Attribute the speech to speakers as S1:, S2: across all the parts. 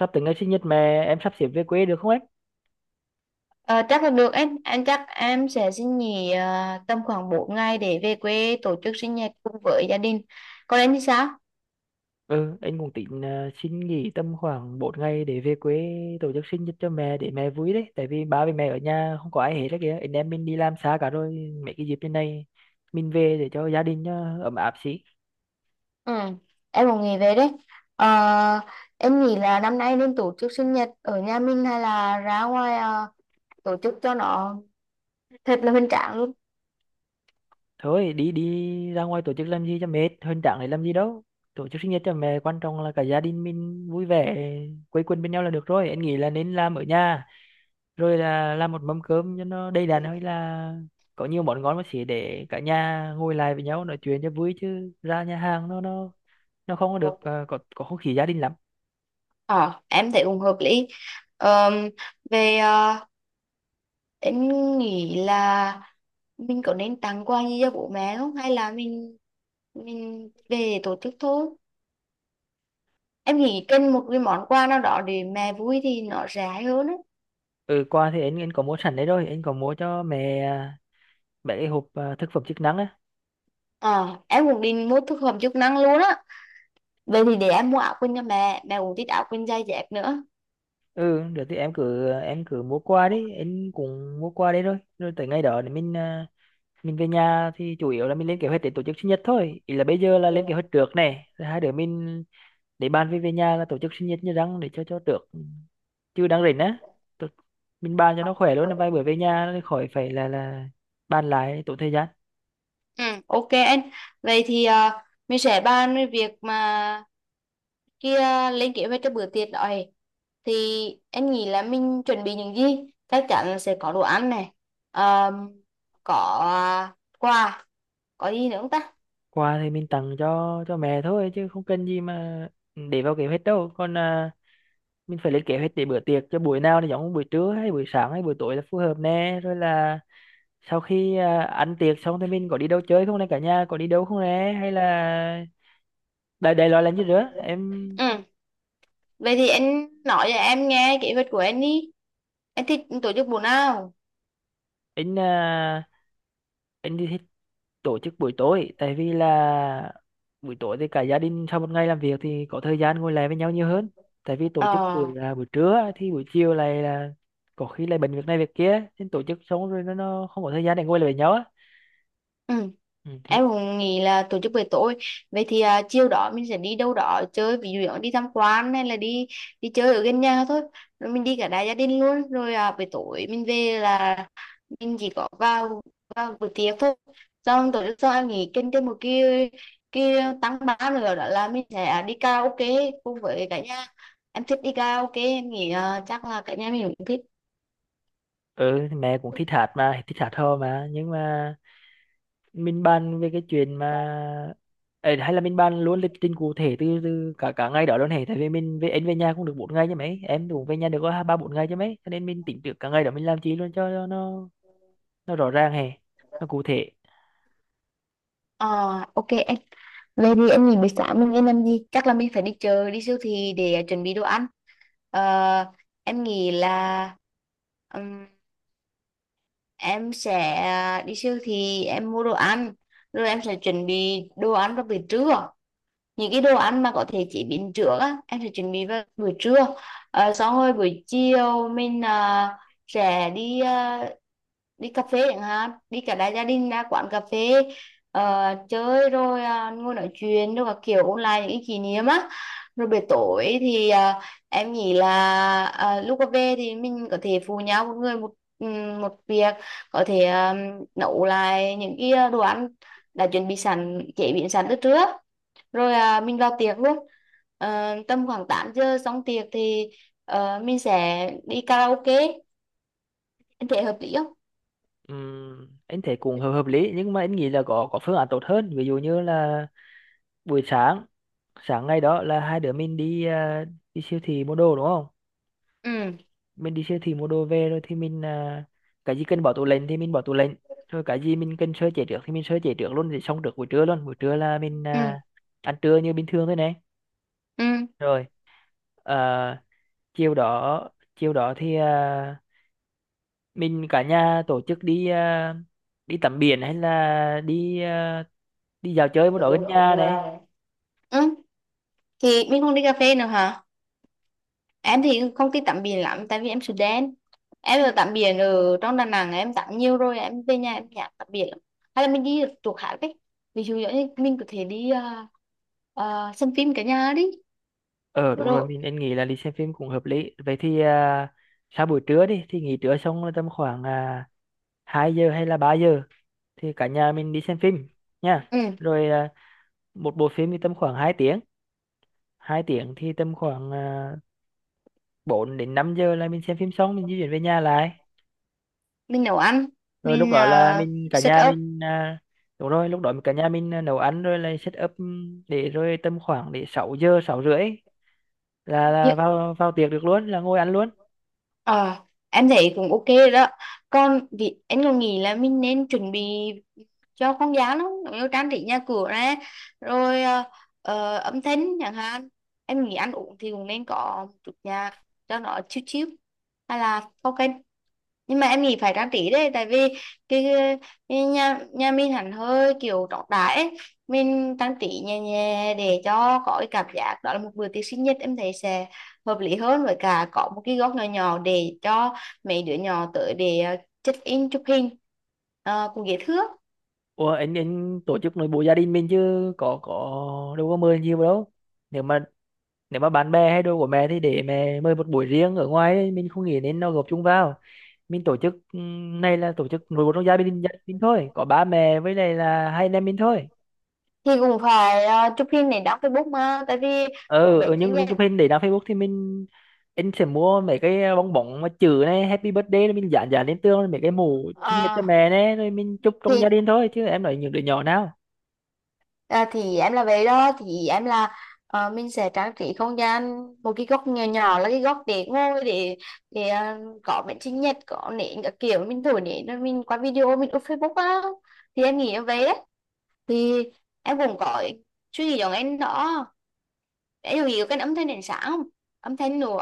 S1: Sắp tới ngày sinh nhật mẹ, em sắp xếp về quê được không em?
S2: Ờ, Chắc là được em. Anh chắc em sẽ xin nghỉ tầm khoảng 4 ngày để về quê tổ chức sinh nhật cùng với gia đình. Còn em thì sao?
S1: Ừ anh cũng tính xin nghỉ tầm khoảng bốn ngày để về quê tổ chức sinh nhật cho mẹ để mẹ vui đấy. Tại vì ba với mẹ ở nhà không có ai hết đấy kìa, anh em mình đi làm xa cả rồi, mấy cái dịp như này mình về để cho gia đình nó ấm áp xí.
S2: Ừ, em cũng nghỉ về đấy. Ờ, em nghĩ là năm nay nên tổ chức sinh nhật ở nhà mình hay là ra ngoài tổ chức cho nó thật là hoành tráng luôn.
S1: Thôi, đi đi ra ngoài tổ chức làm gì cho mệt, hơn chẳng để làm gì đâu. Tổ chức sinh nhật cho mẹ quan trọng là cả gia đình mình vui vẻ, quây quần bên nhau là được rồi. Anh nghĩ là nên làm ở nhà, rồi là làm một mâm cơm cho nó đầy đặn, hay là có nhiều món ngon mà chỉ để cả nhà ngồi lại với nhau nói chuyện cho vui, chứ ra nhà hàng nó không có được có không khí gia đình lắm.
S2: Ờ, em thấy cũng hợp lý. Ờm, Về em nghĩ là mình có nên tặng quà gì cho bố mẹ không, hay là mình về tổ chức thôi. Em nghĩ cần một cái món quà nào đó để mẹ vui thì nó rẻ hơn á.
S1: Ừ, quà thì anh có mua sẵn đấy rồi. Anh có mua cho mẹ mấy cái hộp thực phẩm chức năng á.
S2: Ờ, em cũng định mua thực phẩm chức năng luôn á. Vậy thì để em mua áo quần cho mẹ, mẹ cũng thích áo quần dày dép nữa.
S1: Ừ được, thì em cứ mua qua đi, anh cũng mua qua đấy rồi. Rồi tới ngày đó thì mình mình về nhà thì chủ yếu là mình lên kế hoạch để tổ chức sinh nhật thôi. Ý là bây giờ là lên kế hoạch trước này, rồi hai đứa mình để bàn về, về nhà là tổ chức sinh nhật như răng để cho được, chứ đang rảnh á tôi, mình bàn cho nó khỏe luôn. Vài bữa về nhà nó khỏi phải là bàn lại tốn thời gian.
S2: Ừ, ok anh. Vậy thì mình sẽ bàn về việc mà kia, lên kế hoạch cho bữa tiệc đó ấy. Thì em nghĩ là mình chuẩn bị những gì. Chắc chắn là sẽ có đồ ăn này. Ờ, có quà, có gì nữa không ta?
S1: Quà thì mình tặng cho mẹ thôi, chứ không cần gì mà để vào kế hoạch đâu. Còn mình phải lên kế hoạch để bữa tiệc cho buổi nào thì giống, buổi trưa hay buổi sáng hay buổi tối là phù hợp nè. Rồi là sau khi ăn tiệc xong thì mình có đi đâu chơi không nè, cả nhà có đi đâu không nè, hay là đại đại loại là như thế em.
S2: Ừ, vậy thì anh nói cho em nghe kế hoạch của anh đi. Anh thích tổ chức buổi nào?
S1: Anh anh thì thích tổ chức buổi tối, tại vì là buổi tối thì cả gia đình sau một ngày làm việc thì có thời gian ngồi lại với nhau nhiều hơn. Tại vì tổ
S2: Ờ.
S1: chức buổi là buổi trưa á, thì buổi chiều này là có khi lại bận việc này việc kia, nên tổ chức xong rồi nó không có thời gian để ngồi lại với nhau á.
S2: Ừ,
S1: Ừ, thì
S2: em cũng nghĩ là tổ chức buổi tối. Vậy thì chiều đó mình sẽ đi đâu đó chơi, ví dụ đi tham quan hay là đi đi chơi ở gần nhà thôi, rồi mình đi cả đại gia đình luôn. Rồi buổi tối mình về là mình chỉ có vào vào buổi tiệc thôi, xong tổ chức sau. Em nghỉ kinh thêm một cái tăng ba nữa, đó là mình sẽ đi karaoke cùng với cả nhà. Em thích đi karaoke, em nghĩ chắc là cả nhà mình cũng thích.
S1: ừ, thì mẹ cũng thích hát mà, thích hát hò mà, nhưng mà mình bàn về cái chuyện mà. Ê, hay là mình bàn luôn lịch trình cụ thể từ cả cả ngày đó luôn hề. Tại vì mình về, em về nhà cũng được bốn ngày chứ mấy, em cũng về nhà được có hai ba bốn ngày chứ mấy, cho nên mình tính được cả ngày đó mình làm chi luôn cho nó rõ ràng hè, nó cụ thể.
S2: Ờ, ok em. Về đi em nghỉ buổi sáng mình nên làm gì, chắc là mình phải đi chợ đi siêu thị để chuẩn bị đồ ăn. Ờ, em nghĩ là ừm, em sẽ đi siêu thị em mua đồ ăn rồi em sẽ chuẩn bị đồ ăn vào buổi trưa. Những cái đồ ăn mà có thể chế biến trước á em sẽ chuẩn bị vào buổi trưa. Xong rồi buổi chiều mình sẽ đi đi cà phê chẳng hạn, đi cả đại gia đình ra quán cà phê ờ, chơi rồi ngồi nói chuyện rồi các kiểu ôn lại những cái kỷ niệm á. Rồi buổi tối thì em nghĩ là lúc về thì mình có thể phụ nhau một người một một việc, có thể nấu lại những cái đồ ăn đã chuẩn bị sẵn chế biến sẵn từ trước, rồi mình vào tiệc luôn. Tầm khoảng 8 giờ xong tiệc thì mình sẽ đi karaoke. Em thấy hợp lý không?
S1: Anh thấy cũng hợp hợp lý, nhưng mà anh nghĩ là có phương án tốt hơn. Ví dụ như là buổi sáng, sáng ngày đó là hai đứa mình đi đi siêu thị mua đồ đúng không.
S2: Ừ.
S1: Mình đi siêu thị mua đồ về, rồi thì mình cái gì cần bỏ tủ lạnh thì mình bỏ tủ lạnh, rồi cái gì mình cần sơ chế trước thì mình sơ chế trước luôn, thì xong trước buổi trưa luôn. Buổi trưa là mình
S2: Ừ.
S1: ăn trưa như bình thường thôi này.
S2: Ừ.
S1: Rồi à, chiều đó, thì mình cả nhà tổ chức đi đi tắm biển, hay là đi đi dạo chơi một đó gần nhà này.
S2: Ừ thì mình không đi cà phê nữa hả?
S1: Ừ.
S2: Em thì không thích tắm biển lắm tại vì em Sudan đen. Em ở tắm biển ở trong Đà Nẵng em tắm nhiều rồi, em về nhà em nhạt tắm biển lắm. Hay là mình đi chỗ khác đấy, ví dụ như mình có thể đi xem phim cả nhà đi.
S1: Ờ đúng rồi,
S2: Rồi.
S1: mình nên nghĩ là đi xem phim cũng hợp lý. Vậy thì sau buổi trưa đi thì nghỉ trưa xong là tầm khoảng 2 giờ hay là 3 giờ thì cả nhà mình đi xem phim nha.
S2: Ừ,
S1: Rồi một bộ phim thì tầm khoảng 2 tiếng, thì tầm khoảng 4 đến 5 giờ là mình xem phim xong, mình di chuyển về nhà lại.
S2: mình nấu ăn.
S1: Rồi lúc
S2: Mình
S1: đó là mình, cả
S2: set.
S1: nhà mình đúng rồi, lúc đó cả nhà mình nấu ăn, rồi là set up để, rồi tầm khoảng 6 giờ 6 rưỡi
S2: Như-
S1: là vào vào tiệc được luôn, là ngồi ăn luôn.
S2: Ờ, em thấy cũng ok rồi đó. Còn vì em còn nghĩ là mình nên chuẩn bị cho con giáo lắm, ví dụ trang trí nhà cửa này, rồi âm thanh chẳng hạn. Em nghĩ ăn uống thì cũng nên có một chút nhạc cho nó chill chill. Hay là ok, nhưng mà em nghĩ phải trang trí đấy, tại vì cái, cái nhà nhà mình hẳn hơi kiểu trọng đại ấy. Mình trang trí nhẹ nhẹ để cho có cái cảm giác đó là một bữa tiệc sinh nhật, em thấy sẽ hợp lý hơn. Với cả có một cái góc nhỏ nhỏ để cho mấy đứa nhỏ tới để check in chụp hình. Cùng dễ thương.
S1: Ủa, anh tổ chức nội bộ gia đình mình chứ có đâu có mời nhiều đâu. Nếu mà, nếu mà bạn bè hay đồ của mẹ thì để mẹ mời một buổi riêng ở ngoài ấy, mình không nghĩ nên nó gộp chung vào. Mình tổ chức này là tổ chức nội bộ trong gia đình, thôi có ba mẹ với lại là hai anh em mình thôi.
S2: Thì cũng phải chụp hình để đăng Facebook mà, tại vì có
S1: Ừ, ừ
S2: bệnh sinh
S1: những
S2: nhật.
S1: cái pin để đăng Facebook thì mình, anh sẽ mua mấy cái bong bóng mà chữ này Happy Birthday, rồi mình dán dán lên tường, rồi mấy cái mũ sinh nhật cho
S2: Ờ,
S1: mẹ này, rồi mình chúc trong gia
S2: thì
S1: đình thôi, chứ em nói những đứa nhỏ nào.
S2: thì em là vậy đó, thì em là ờ, mình sẽ trang trí không gian một cái góc nhỏ nhỏ, là cái góc để ngồi, để để ờ, có bánh sinh nhật, có nến các kiểu, mình thổi nến rồi mình qua video mình up Facebook á. Thì em nghĩ em vậy đấy. Thì em cũng có suy nghĩ giống anh đó. Ví dụ như cái âm thanh đến sáng không, âm thanh nữa,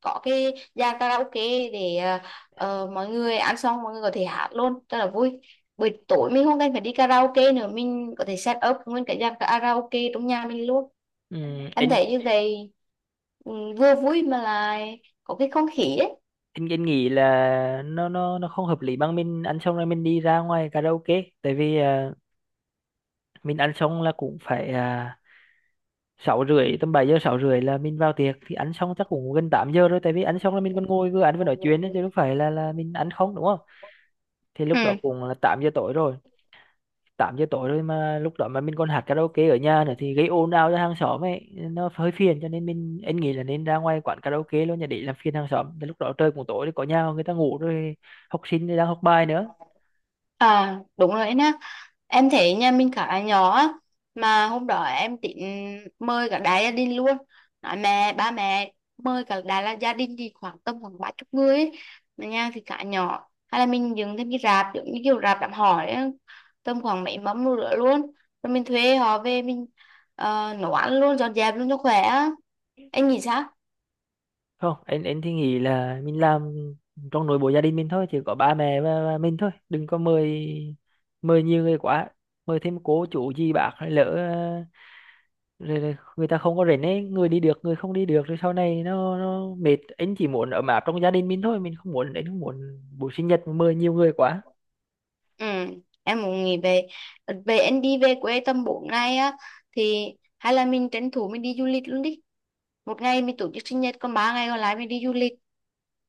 S2: có cái dàn karaoke để mọi người ăn xong mọi người có thể hát luôn rất là vui. Buổi tối mình không cần phải đi karaoke nữa, mình có thể set up nguyên cái dàn karaoke trong nhà mình luôn.
S1: Ừ,
S2: Em
S1: anh,
S2: thấy như vậy. Ừ, vừa vui mà lại có cái không khí ấy.
S1: anh nghĩ là nó không hợp lý bằng mình ăn xong rồi mình đi ra ngoài karaoke. Tại vì mình ăn xong là cũng phải sáu rưỡi tầm bảy giờ, sáu rưỡi là mình vào tiệc thì ăn xong chắc cũng gần 8 giờ rồi. Tại vì ăn xong là mình còn ngồi vừa ăn vừa nói chuyện ấy, chứ đâu phải là mình ăn không đúng không. Thì
S2: Ừ.
S1: lúc đó cũng là 8 giờ tối rồi, 8 giờ tối rồi mà lúc đó mà mình còn hát karaoke ở nhà nữa thì gây ồn ào cho hàng xóm ấy, nó hơi phiền. Cho nên mình, anh nghĩ là nên ra ngoài quán karaoke luôn, nhà để làm phiền hàng xóm. Thì lúc đó trời cũng tối thì có nhà người ta ngủ rồi, học sinh thì đang học bài nữa.
S2: À đúng rồi nè. Em thấy nhà mình khá nhỏ á, mà hôm đó em tính mời cả đại gia đình luôn, nói mẹ ba mẹ mời cả đại là gia đình, thì khoảng tầm khoảng 30 người ấy. Mà nhà thì khá nhỏ, hay là mình dựng thêm cái rạp giống như kiểu rạp đám hỏi ấy, tầm khoảng mấy mâm nữa luôn, rồi mình thuê họ về mình nấu ăn luôn dọn dẹp luôn cho khỏe á. Anh nghĩ sao?
S1: Không, anh thì nghĩ là mình làm trong nội bộ gia đình mình thôi, chỉ có ba mẹ và mình thôi, đừng có mời, mời nhiều người quá. Mời thêm cô chú gì bác hay lỡ rồi là người ta không có rảnh ấy, người đi được người không đi được, rồi sau này nó mệt. Anh chỉ muốn ấm áp trong gia đình mình thôi, mình không muốn, anh không muốn buổi sinh nhật mà mời nhiều người quá.
S2: Ừ, em muốn nghỉ về về em đi về quê tầm 4 ngày á, thì hay là mình tranh thủ mình đi du lịch luôn đi. Một ngày mình tổ chức sinh nhật, còn 3 ngày còn lại mình đi du lịch.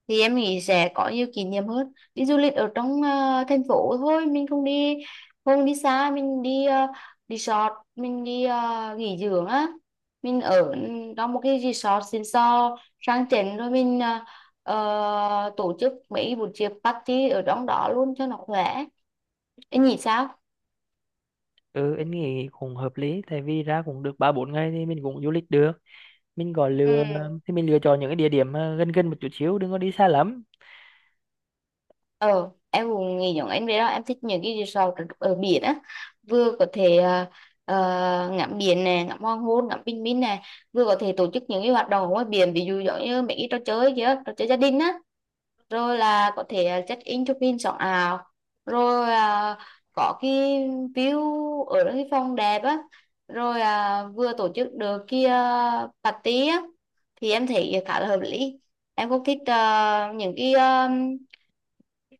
S2: Thì em nghĩ sẽ có nhiều kỷ niệm hơn. Đi du lịch ở trong thành phố thôi, mình không đi, không đi xa, mình đi resort, mình đi nghỉ dưỡng á. Mình ở trong một cái resort xịn sò sang chảnh, rồi mình tổ chức mấy buổi tiệc party ở trong đó luôn cho nó khỏe. Em nghĩ sao?
S1: Ừ anh nghĩ cũng hợp lý, tại vì ra cũng được ba bốn ngày thì mình cũng du lịch được. Mình gọi lựa,
S2: Ừ.
S1: thì mình lựa chọn những cái địa điểm mà gần gần một chút xíu, đừng có đi xa lắm.
S2: Ờ, em cũng nghĩ giống anh vậy đó. Em thích những cái resort ở ở biển á. Vừa có thể ngắm biển nè, ngắm hoàng hôn, ngắm bình minh nè. Vừa có thể tổ chức những cái hoạt động ở ngoài biển. Ví dụ giống như mấy cái trò chơi kia, trò chơi gia đình á. Rồi là có thể check in chụp hình sống ảo. Rồi có cái view ở cái phòng đẹp á, rồi vừa tổ chức được kia party á. Thì em thấy khá là hợp lý. Em cũng thích những cái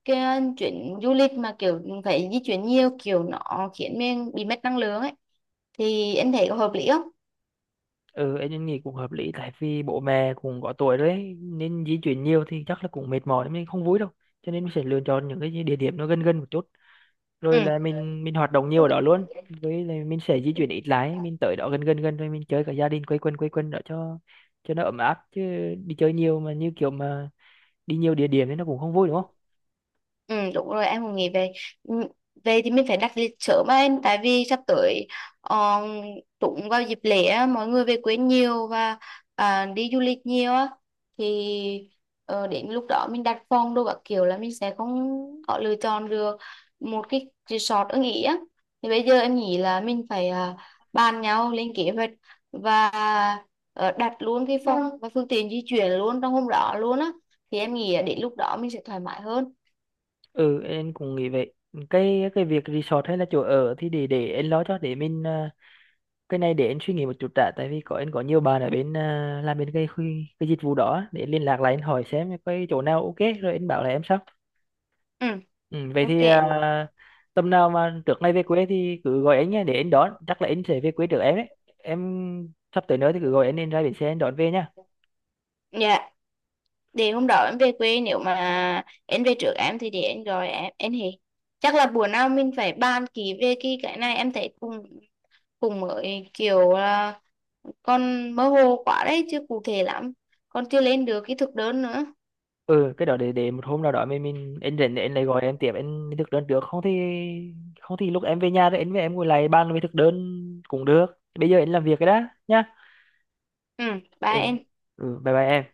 S2: cái chuyến du lịch mà kiểu phải di chuyển nhiều, kiểu nó khiến mình bị mất năng lượng ấy. Thì em thấy có hợp lý không?
S1: Ừ anh nghĩ cũng hợp lý, tại vì bố mẹ cũng có tuổi rồi ấy, nên di chuyển nhiều thì chắc là cũng mệt mỏi, mình không vui đâu. Cho nên mình sẽ lựa chọn những cái địa điểm nó gần gần một chút, rồi là mình hoạt động nhiều
S2: Ừ.
S1: ở đó luôn. Với là mình sẽ di chuyển ít lái, mình tới đó gần gần gần rồi mình chơi cả gia đình, quây quần đó cho nó ấm áp chứ. Đi chơi nhiều mà như kiểu mà đi nhiều địa điểm thì nó cũng không vui đúng không.
S2: Ừ đúng rồi, em cũng nghĩ về. Ừ, về thì mình phải đặt lịch sớm á em, tại vì sắp tới uh, trúng vào dịp lễ á, mọi người về quê nhiều và đi du lịch nhiều á. Thì đến lúc đó mình đặt phòng đồ các kiểu là mình sẽ không có lựa chọn được một cái resort ưng ý á. Thì bây giờ em nghĩ là mình phải bàn nhau lên kế hoạch và đặt luôn cái phòng và phương tiện di chuyển luôn trong hôm đó luôn á. Thì em nghĩ đến lúc đó mình sẽ thoải mái hơn.
S1: Ừ em cũng nghĩ vậy. Cái việc resort hay là chỗ ở thì để em lo cho. Để mình cái này để em suy nghĩ một chút đã, tại vì có em có nhiều bạn ở bên làm bên cái khu- cái dịch vụ đó á, để em liên lạc lại em hỏi xem cái chỗ nào ok rồi em bảo là em sao.
S2: Ừ.
S1: Ừ, vậy
S2: Ok.
S1: thì
S2: Dạ.
S1: tầm nào mà trước ngày về quê thì cứ gọi anh nha để anh đón, chắc là anh sẽ về quê trước em đấy. Em sắp tới nữa thì cứ gọi anh, ra bến xe anh đón về nhá.
S2: Dạ, để hôm đó em về quê, nếu mà em về trước em thì để em gọi em. Em thì chắc là bữa nào mình phải bàn kỹ về cái này. Em thấy cùng cùng mới kiểu là con mơ hồ quá đấy, chưa cụ thể lắm, còn chưa lên được cái thực đơn nữa.
S1: Ừ, cái đó để một hôm nào đó mình, anh rảnh thì anh lại gọi em tiếp. Anh thực đơn trước không thì, không thì lúc em về nhà thì anh với em ngồi lại bàn về thực đơn cũng được. Bây giờ anh làm việc cái đã nhá.
S2: Ừ, bye
S1: Ừ,
S2: em.
S1: ừ bye bye em.